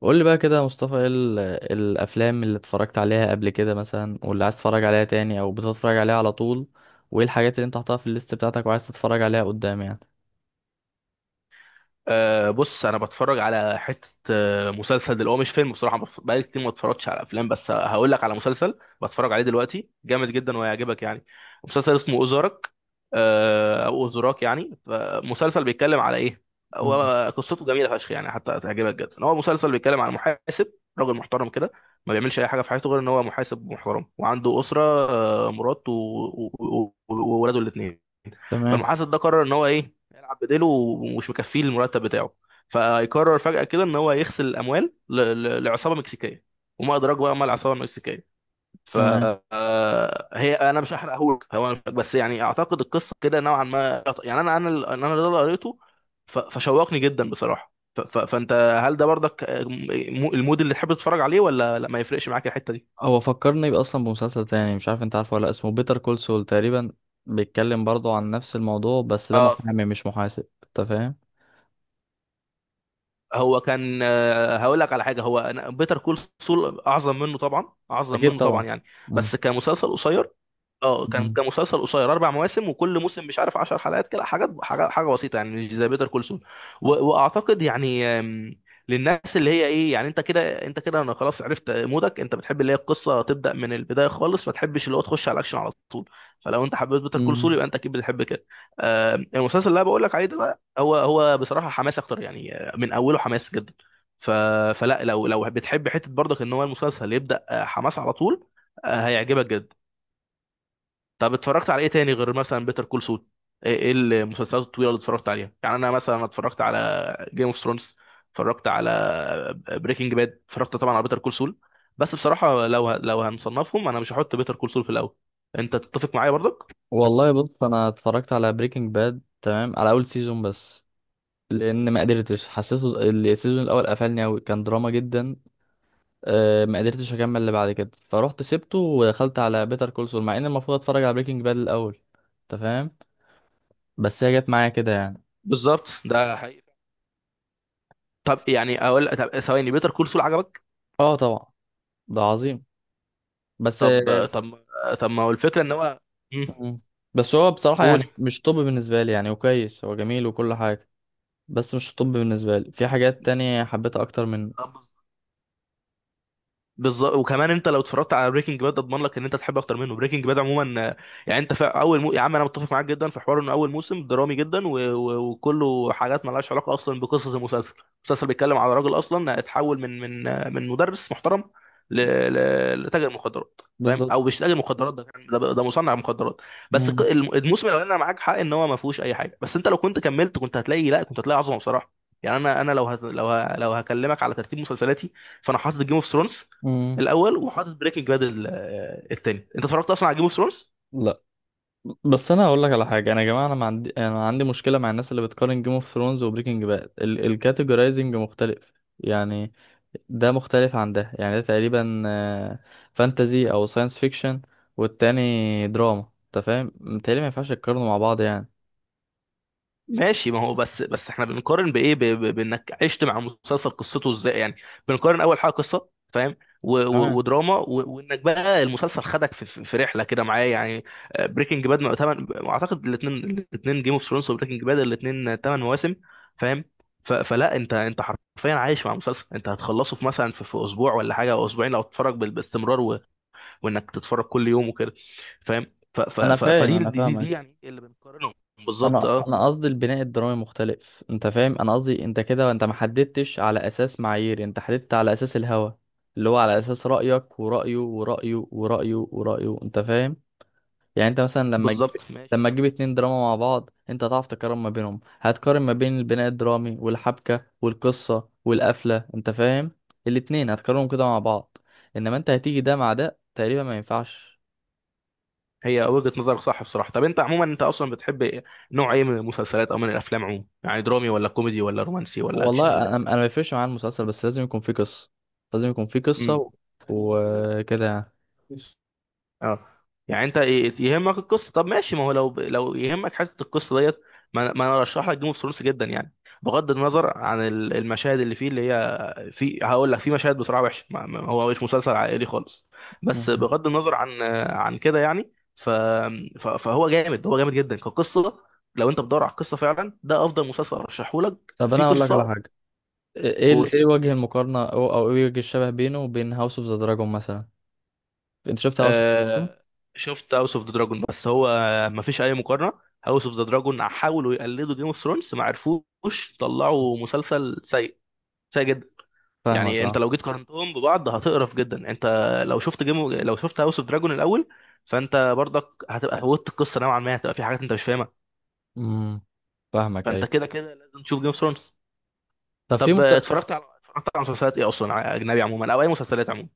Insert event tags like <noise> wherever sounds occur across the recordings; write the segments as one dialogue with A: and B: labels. A: قول لي بقى كده يا مصطفى ايه الافلام اللي اتفرجت عليها قبل كده مثلا واللي عايز تتفرج عليها تاني او بتتفرج عليها على طول وايه الحاجات اللي انت حاططها في الليست بتاعتك وعايز تتفرج عليها قدام يعني.
B: بص، انا بتفرج على حته، مسلسل دلوقتي. هو مش فيلم بصراحه. بقالي كتير ما اتفرجتش على افلام بس هقول لك على مسلسل بتفرج عليه دلوقتي، جامد جدا وهيعجبك يعني. مسلسل اسمه اوزارك، او اوزراك يعني. مسلسل بيتكلم على ايه؟
A: مم.
B: هو قصته جميله فشخ يعني، حتى هتعجبك جدا. هو مسلسل بيتكلم على محاسب، راجل محترم كده، ما بيعملش اي حاجه في حياته غير ان هو محاسب محترم وعنده اسره، مراته وولاده الاثنين.
A: تمام.
B: فالمحاسب ده قرر ان هو ايه، يلعب بديله ومش مكفيه المرتب بتاعه. فيقرر فجأة كده ان هو يغسل الاموال لعصابة مكسيكية، وما ادراك بقى ما العصابة المكسيكية. ف
A: تمام
B: هي انا مش هحرقهولك. هو بس يعني اعتقد القصه كده نوعا ما يعني. انا ده اللي قريته. ف- فشوقني جدا بصراحه ف- ف- فانت، هل ده برضك المود اللي تحب تتفرج عليه ولا لا، ما يفرقش معاك الحته
A: هو فكرني بقى اصلا بمسلسل تاني، مش عارف انت عارفه ولا لأ، اسمه بيتر كول سول تقريبا. بيتكلم برضه عن نفس الموضوع، بس ده
B: دي؟
A: محامي مش محاسب، انت فاهم.
B: هو كان، هقول لك على حاجه، هو بيتر كول سول اعظم منه طبعا، اعظم
A: اكيد
B: منه طبعا
A: طبعا.
B: يعني،
A: مم.
B: بس كمسلسل قصير. اه، كان
A: مم.
B: كان مسلسل قصير، اربع مواسم وكل موسم مش عارف 10 حلقات كده، حاجات حاجه حاجه بسيطه يعني، مش زي بيتر كول سول. واعتقد يعني، للناس اللي هي ايه يعني انت كده، انت كده انا خلاص عرفت مودك. انت بتحب اللي هي القصه تبدا من البدايه خالص، ما تحبش اللي هو تخش على الاكشن على طول. فلو انت حبيت بيتر كول سول،
A: مم.
B: يبقى انت اكيد بتحب كده. المسلسل اللي انا بقول لك عليه ده بقى هو بصراحه حماس اكتر يعني، من اوله حماس جدا. ف... فلا، لو بتحب حته برضك ان هو المسلسل يبدا حماس على طول، هيعجبك جدا. طب اتفرجت على ايه تاني غير مثلا بيتر كول سول؟ إيه المسلسلات الطويله اللي اتفرجت عليها؟ يعني انا مثلا اتفرجت على جيم اوف ثرونز، اتفرجت على بريكنج باد، اتفرجت طبعا على بيتر كول سول. بس بصراحه لو لو هنصنفهم انا مش هحط بيتر كول سول في الاول. انت تتفق معايا برضك؟
A: والله بص، انا اتفرجت على بريكنج باد، تمام، على اول سيزون بس، لان ما قدرتش، حسيته السيزون الاول قفلني قوي، كان دراما جدا. ما قدرتش اكمل اللي بعد كده، فروحت سبته ودخلت على بيتر كول سول، مع ان المفروض اتفرج على بريكنج باد الاول، انت فاهم. بس هي جت معايا كده يعني.
B: بالظبط ده حقيقي. طب يعني اقول، طب ثواني، بيتر كول سول عجبك.
A: اه طبعا. ده عظيم. بس
B: طب طب طب ما هو الفكره ان هو. مم.
A: مم. بس هو بصراحة
B: قول.
A: يعني مش طب بالنسبة لي يعني، وكويس هو جميل وكل حاجة. بس مش طب بالنسبة لي، في حاجات تانية حبيتها اكتر من.
B: بالظبط. وكمان انت لو اتفرجت على بريكنج باد اضمن لك ان انت تحب اكتر منه. بريكنج باد عموما، يعني انت في اول يا عم انا متفق معاك جدا في حوار ان اول موسم درامي جدا وكله حاجات مالهاش علاقه اصلا بقصه المسلسل. المسلسل بيتكلم على راجل اصلا اتحول من من مدرس محترم ل... لتاجر مخدرات فاهم،
A: بالظبط.
B: او مش تاجر مخدرات، ده مصنع مخدرات. بس
A: مم.
B: الموسم الاولاني انا معاك حق ان هو ما فيهوش اي حاجه، بس انت لو كنت كملت كنت هتلاقي، لا كنت هتلاقي عظمه بصراحه. يعني انا انا لو لو لو هكلمك على ترتيب مسلسلاتي، فانا حاطط جيم اوف ثرونز
A: مم.
B: الاول وحاطط بريكنج باد التاني. انت اتفرجت اصلا على جيم اوف ثرونز؟
A: لا، بس انا هقول لك على حاجه، انا يا جماعه، انا ما عندي انا عندي مشكله مع الناس اللي بتقارن جيم اوف ثرونز وبريكنج باد، الكاتيجورايزنج مختلف يعني. ده مختلف عن ده. يعني ده تقريبا فانتزي او ساينس فيكشن، والتاني دراما، انت فاهم. متهيألي ما ينفعش تقارنوا مع بعض يعني.
B: ماشي، ما هو بس احنا بنقارن بايه؟ بانك عشت مع مسلسل قصته ازاي يعني. بنقارن اول حاجه قصه فاهم،
A: تمام.
B: ودراما وانك بقى المسلسل خدك في رحله كده معاه يعني. بريكنج باد، اعتقد الاثنين، جيم اوف ثرونز وبريكنج باد، الاثنين ثمان مواسم فاهم. فلا انت انت حرفيا عايش مع مسلسل، انت هتخلصه في مثلا في اسبوع ولا حاجه، او اسبوعين لو تتفرج باستمرار، وانك تتفرج كل يوم وكده فاهم. ف- ف-
A: انا
B: ف-
A: فاهم
B: فدي دي,
A: انا
B: دي,
A: فاهمك.
B: دي يعني إيه اللي بنقارنهم؟ بالظبط
A: انا
B: اه.
A: انا قصدي البناء الدرامي مختلف، انت فاهم. انا قصدي انت كده انت ما حددتش على اساس معايير، انت حددت على اساس الهوى، اللي هو على اساس رايك ورأيه ورأيه ورأيه ورأيه، انت فاهم. يعني انت مثلا
B: بالظبط ماشي
A: لما
B: صح.
A: تجيب اتنين دراما مع بعض، انت هتعرف تقارن ما بينهم، هتقارن ما بين البناء الدرامي والحبكة والقصة والقفلة، انت فاهم. الاتنين هتقارنهم كده مع بعض. انما انت هتيجي ده مع ده، تقريبا ما ينفعش.
B: هي وجهة نظرك صح بصراحة. طب انت عموما انت اصلا بتحب إيه؟ نوع ايه من المسلسلات او من الافلام عموما؟ يعني درامي ولا كوميدي ولا رومانسي ولا اكشن
A: والله
B: ولا
A: انا
B: ايه؟
A: انا ما يفرقش معايا المسلسل، بس لازم يكون فيه قصه. لازم يكون فيه قصه
B: امم.
A: وكده يعني.
B: اه، يعني انت يهمك القصه. طب ماشي، ما هو لو يهمك حته القصه ديت، ما انا ارشح لك جيم اوف ثرونز جدا يعني. بغض النظر عن المشاهد اللي فيه اللي هي في، هقول لك، في مشاهد بصراحه وحشه، هو مش مسلسل عائلي خالص. بس
A: مم.
B: بغض النظر عن عن كده يعني. فهو جامد، هو جامد جدا كقصه. لو انت بتدور على القصه فعلا، ده افضل مسلسل ارشحه لك
A: طب
B: في
A: انا اقول لك على
B: قصه.
A: حاجه. ايه ايه وجه المقارنه، او او ايه وجه الشبه بينه وبين هاوس اوف ذا دراجون مثلا؟ انت شفت هاوس اوف ذا دراجون؟
B: آه، شفت هاوس اوف ذا دراجون بس هو ما فيش اي مقارنه. هاوس اوف ذا دراجون حاولوا يقلدوا جيم اوف ثرونز ما عرفوش، طلعوا مسلسل سيء، سيء جدا.
A: فاهمك
B: يعني انت
A: اه.
B: لو جيت قارنتهم ببعض هتقرف جدا. انت لو شفت جيم، لو شفت هاوس اوف دراجون الاول، فانت برضك هتبقى فوتت القصه نوعا ما، هتبقى في حاجات انت مش فاهمها.
A: امم. فاهمك
B: فانت
A: ايوه.
B: كده كده لازم تشوف جيم اوف ثرونز.
A: طب
B: طب اتفرجت على مسلسلات ايه اصلا اجنبي عموما، او اي مسلسلات عموما،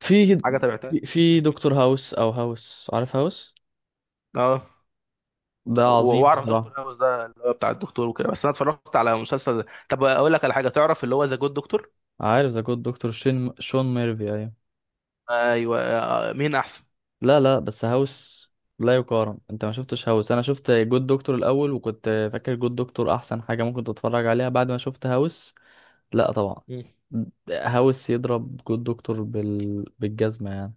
A: في
B: حاجه تابعتها؟
A: في دكتور هاوس او هاوس، عارف هاوس.
B: اه،
A: ده عظيم
B: واعرف دكتور
A: بصراحه.
B: هاوس ده اللي هو بتاع الدكتور وكده، بس انا اتفرجت على مسلسل، طب اقول لك على حاجه، تعرف اللي هو ذا جود دكتور.
A: عارف ذا جود دكتور شين شون ميرفي، ايوه.
B: ايوه مين احسن؟
A: لا لا، بس هاوس لا يقارن. انت ما شفتش هاوس. انا شفت جود دكتور الاول، وكنت فاكر جود دكتور احسن حاجه ممكن تتفرج عليها، بعد ما شفت هاوس لا طبعا.
B: مم.
A: هاوس يضرب جود دكتور بالجزمه يعني.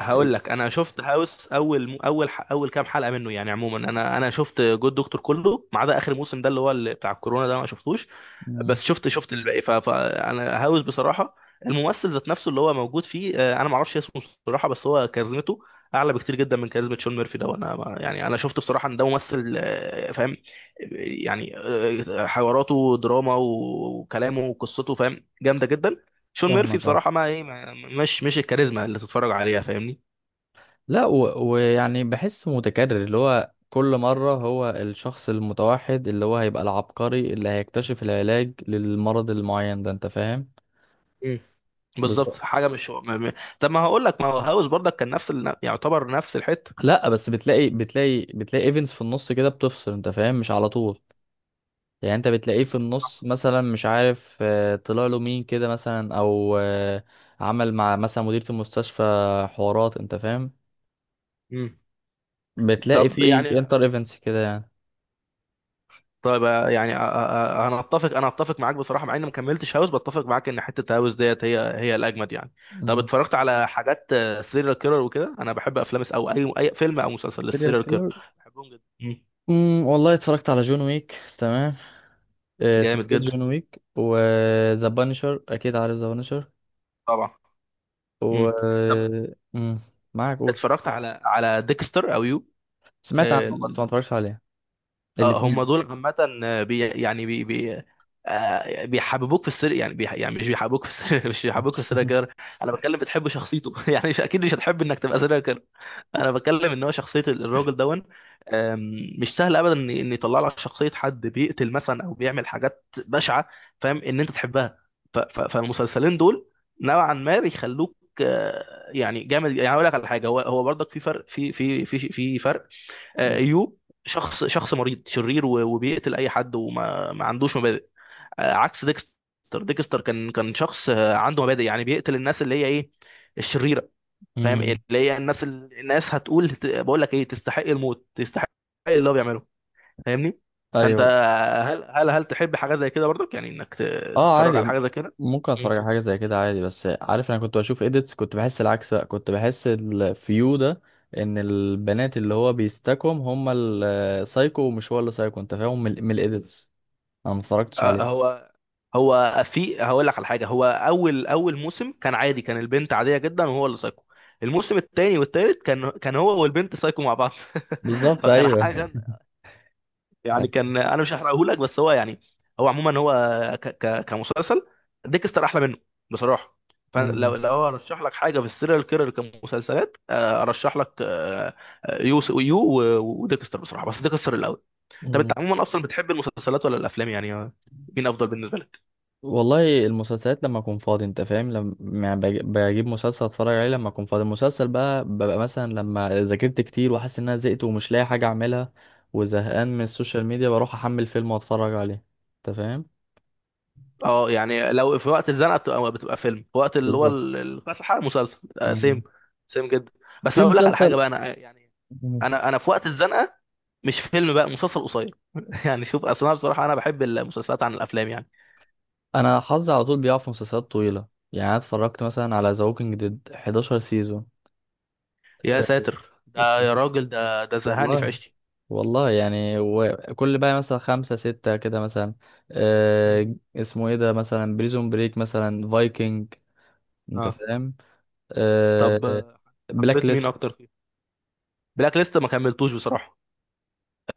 B: هقول لك، انا شفت هاوس اول كام حلقه منه يعني عموما، انا شفت جود دكتور كله ما عدا اخر موسم ده اللي هو اللي بتاع الكورونا ده ما شفتوش.
A: مم.
B: بس شفت الباقي. فانا هاوس بصراحه. الممثل ذات نفسه اللي هو موجود فيه، انا ما اعرفش اسمه بصراحه، بس هو كاريزمته اعلى بكتير جدا من كاريزما شون ميرفي ده. وانا يعني انا شفت بصراحه ان ده ممثل فاهم، يعني حواراته دراما وكلامه وقصته فاهم جامده جدا. شون ميرفي
A: فاهمك اه.
B: بصراحه، ما ايه مش الكاريزما اللي تتفرج عليها فاهمني.
A: لا، ويعني بحس متكرر، اللي هو كل مرة هو الشخص المتوحد اللي هو هيبقى العبقري اللي هيكتشف العلاج للمرض المعين ده، انت فاهم.
B: مم. بالظبط. حاجه مش هو طب ما هقول لك، ما هو هاوس برضك كان نفس يعتبر نفس الحته.
A: لا، بس بتلاقي ايفنتس في النص كده بتفصل، انت فاهم، مش على طول. يعني انت بتلاقيه في النص مثلا مش عارف، طلع له مين كده مثلا، او عمل مع مثلا مديرة المستشفى، حوارات، انت فاهم.
B: مم.
A: بتلاقي
B: طب
A: في
B: يعني
A: انتر ايفنتس كده يعني.
B: طيب، يعني، انا اتفق معاك بصراحه، مع اني ما كملتش هاوس بتفق معاك ان حته هاوس ديت هي الاجمد يعني. طب
A: مم.
B: اتفرجت على حاجات سيريال كيلر وكده؟ انا بحب افلام او اي فيلم او مسلسل
A: سيريال
B: للسيريال كيلر،
A: كيلر.
B: بحبهم جدا. مم.
A: امم. والله اتفرجت على جون ويك، تمام،
B: جامد
A: سلسلة
B: جدا.
A: جون ويك وذا بانشر، اكيد عارف ذا بانشر.
B: طبعا.
A: و
B: مم. طب
A: معاك قول.
B: اتفرجت على على ديكستر او يو؟
A: سمعت عنه
B: آه،
A: بس
B: ال-
A: ما اتفرجتش عليه. الاتنين.
B: هم دول عامه، بي يعني بي بي، بيحببوك في السر يعني، بي يعني، مش بيحببوك في السر <laughs> مش بيحببوك في السيريال كيلر.
A: <laughs>
B: انا بتكلم بتحب شخصيته <laughs> يعني مش اكيد مش هتحب انك تبقى سيريال كيلر. انا بتكلم ان هو شخصيه الراجل دون. مش سهل ابدا ان إن يطلع لك شخصيه حد بيقتل مثلا او بيعمل حاجات بشعه فاهم، ان انت تحبها. فالمسلسلين دول نوعا ما بيخلوك، يعني جامد. يعني اقول لك على حاجه، هو برضك في فرق، في فرق. ايوب، شخص مريض شرير وبيقتل اي حد وما ما عندوش مبادئ. عكس ديكستر. ديكستر، كان شخص عنده مبادئ، يعني بيقتل الناس اللي هي ايه، الشريره. فاهم إيه؟
A: امم.
B: اللي هي الناس، الناس هتقول، بقول لك ايه، تستحق الموت، تستحق اللي هو بيعمله، فاهمني؟ فانت،
A: ايوه.
B: هل تحب حاجه زي كده برضك، يعني انك
A: اه
B: تتفرج
A: عادي
B: على حاجه زي كده.
A: ممكن
B: مم.
A: اتفرج على حاجه زي كده عادي. بس عارف، انا كنت بشوف اديتس كنت بحس العكس بقى، كنت بحس الفيو ده ان
B: مم.
A: البنات اللي هو بيستكم هم السايكو، ومش هو اللي سايكو، انت فاهم، من الاديتس. انا ما اتفرجتش
B: آه،
A: عليه.
B: هو هو في، هقول لك على حاجه، هو اول موسم كان عادي، كان البنت عاديه جدا وهو اللي سايكو. الموسم الثاني والثالث كان هو والبنت سايكو مع بعض <laughs>
A: بالظبط
B: فكان
A: ايوه.
B: حاجه يعني.
A: <laughs>
B: كان انا مش هحرقه لك، بس هو يعني، هو عموما هو ك ك كمسلسل ديكستر احلى منه بصراحه. فلو ارشح لك حاجه في السيريال كيرر كمسلسلات، ارشح لك يو وديكستر بصراحه، بس ديكستر الاول. طب انت
A: أمم.
B: عموما اصلا بتحب المسلسلات ولا الافلام يعني، مين افضل بالنسبه لك؟
A: والله المسلسلات لما اكون فاضي، انت فاهم، لما يعني بجيب مسلسل اتفرج عليه لما اكون فاضي. المسلسل بقى ببقى مثلا لما ذاكرت كتير وحاسس ان انا زهقت ومش لاقي حاجه اعملها وزهقان من السوشيال ميديا، بروح احمل فيلم واتفرج عليه، انت فاهم.
B: اه، يعني لو في وقت الزنقه بتبقى، فيلم، في وقت اللي هو
A: بالظبط.
B: الفسحه مسلسل، سيم،
A: مم.
B: سيم جدا. بس
A: في
B: هقول لك على حاجه
A: مسلسل.
B: بقى، انا يعني،
A: مم.
B: انا في وقت الزنقه مش فيلم بقى، مسلسل قصير <laughs> يعني، شوف اصل انا بصراحه انا بحب المسلسلات عن الافلام يعني.
A: انا حظي على طول بيقع في مسلسلات طويله. يعني انا اتفرجت مثلا على ذا ووكينج ديد 11 سيزون.
B: يا ساتر ده يا راجل، ده زهقني في
A: والله.
B: عيشتي.
A: والله يعني، وكل بقى مثلا خمسة ستة كده مثلا.
B: مم.
A: آه اسمه ايه ده، مثلا بريزون بريك، مثلا فايكنج، انت
B: اه.
A: فاهم.
B: طب
A: آه بلاك
B: حبيت مين
A: ليست.
B: اكتر فيه؟ بلاك ليست ما كملتوش بصراحه.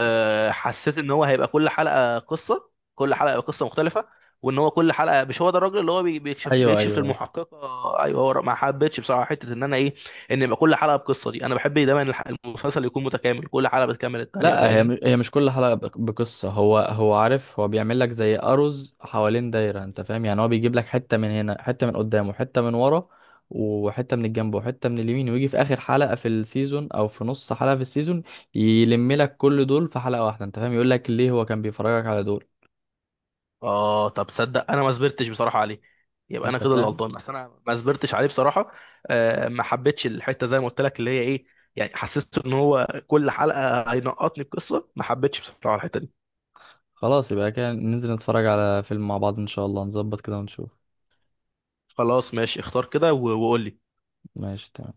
B: أه، حسيت ان هو هيبقى كل حلقه قصه، كل حلقه قصه مختلفه، وان هو كل حلقه مش هو ده الراجل اللي هو
A: ايوه
B: بيكشف
A: ايوه.
B: للمحققه. ايوه، هو ما حبيتش بصراحه حته ان انا ايه، ان يبقى كل حلقه بقصه. دي انا بحب دايما المسلسل يكون متكامل كل حلقه بتكمل الثانيه
A: لا هي
B: فاهمني.
A: هي مش كل حلقة بقصة. هو هو عارف، هو بيعمل لك زي أرز حوالين دايرة، انت فاهم يعني. هو بيجيب لك حتة من هنا، حتة من قدام، وحتة من ورا، وحتة من الجنب، وحتة من اليمين، ويجي في آخر حلقة في السيزون أو في نص حلقة في السيزون يلم لك كل دول في حلقة واحدة، انت فاهم. يقول لك ليه هو كان بيفرجك على دول.
B: اه طب تصدق، انا ما صبرتش بصراحه عليه. يبقى انا
A: انت
B: كده اللي
A: فاهم.
B: غلطان، بس انا ما صبرتش عليه بصراحه. آه، ما حبيتش الحته زي ما قلت لك اللي هي ايه، يعني حسيت ان هو كل حلقه هينقطني القصه، ما حبيتش بصراحه الحته دي.
A: خلاص يبقى كده ننزل نتفرج على فيلم مع بعض إن شاء الله، نظبط كده ونشوف.
B: خلاص ماشي، اختار كده وقول لي.
A: ماشي تمام.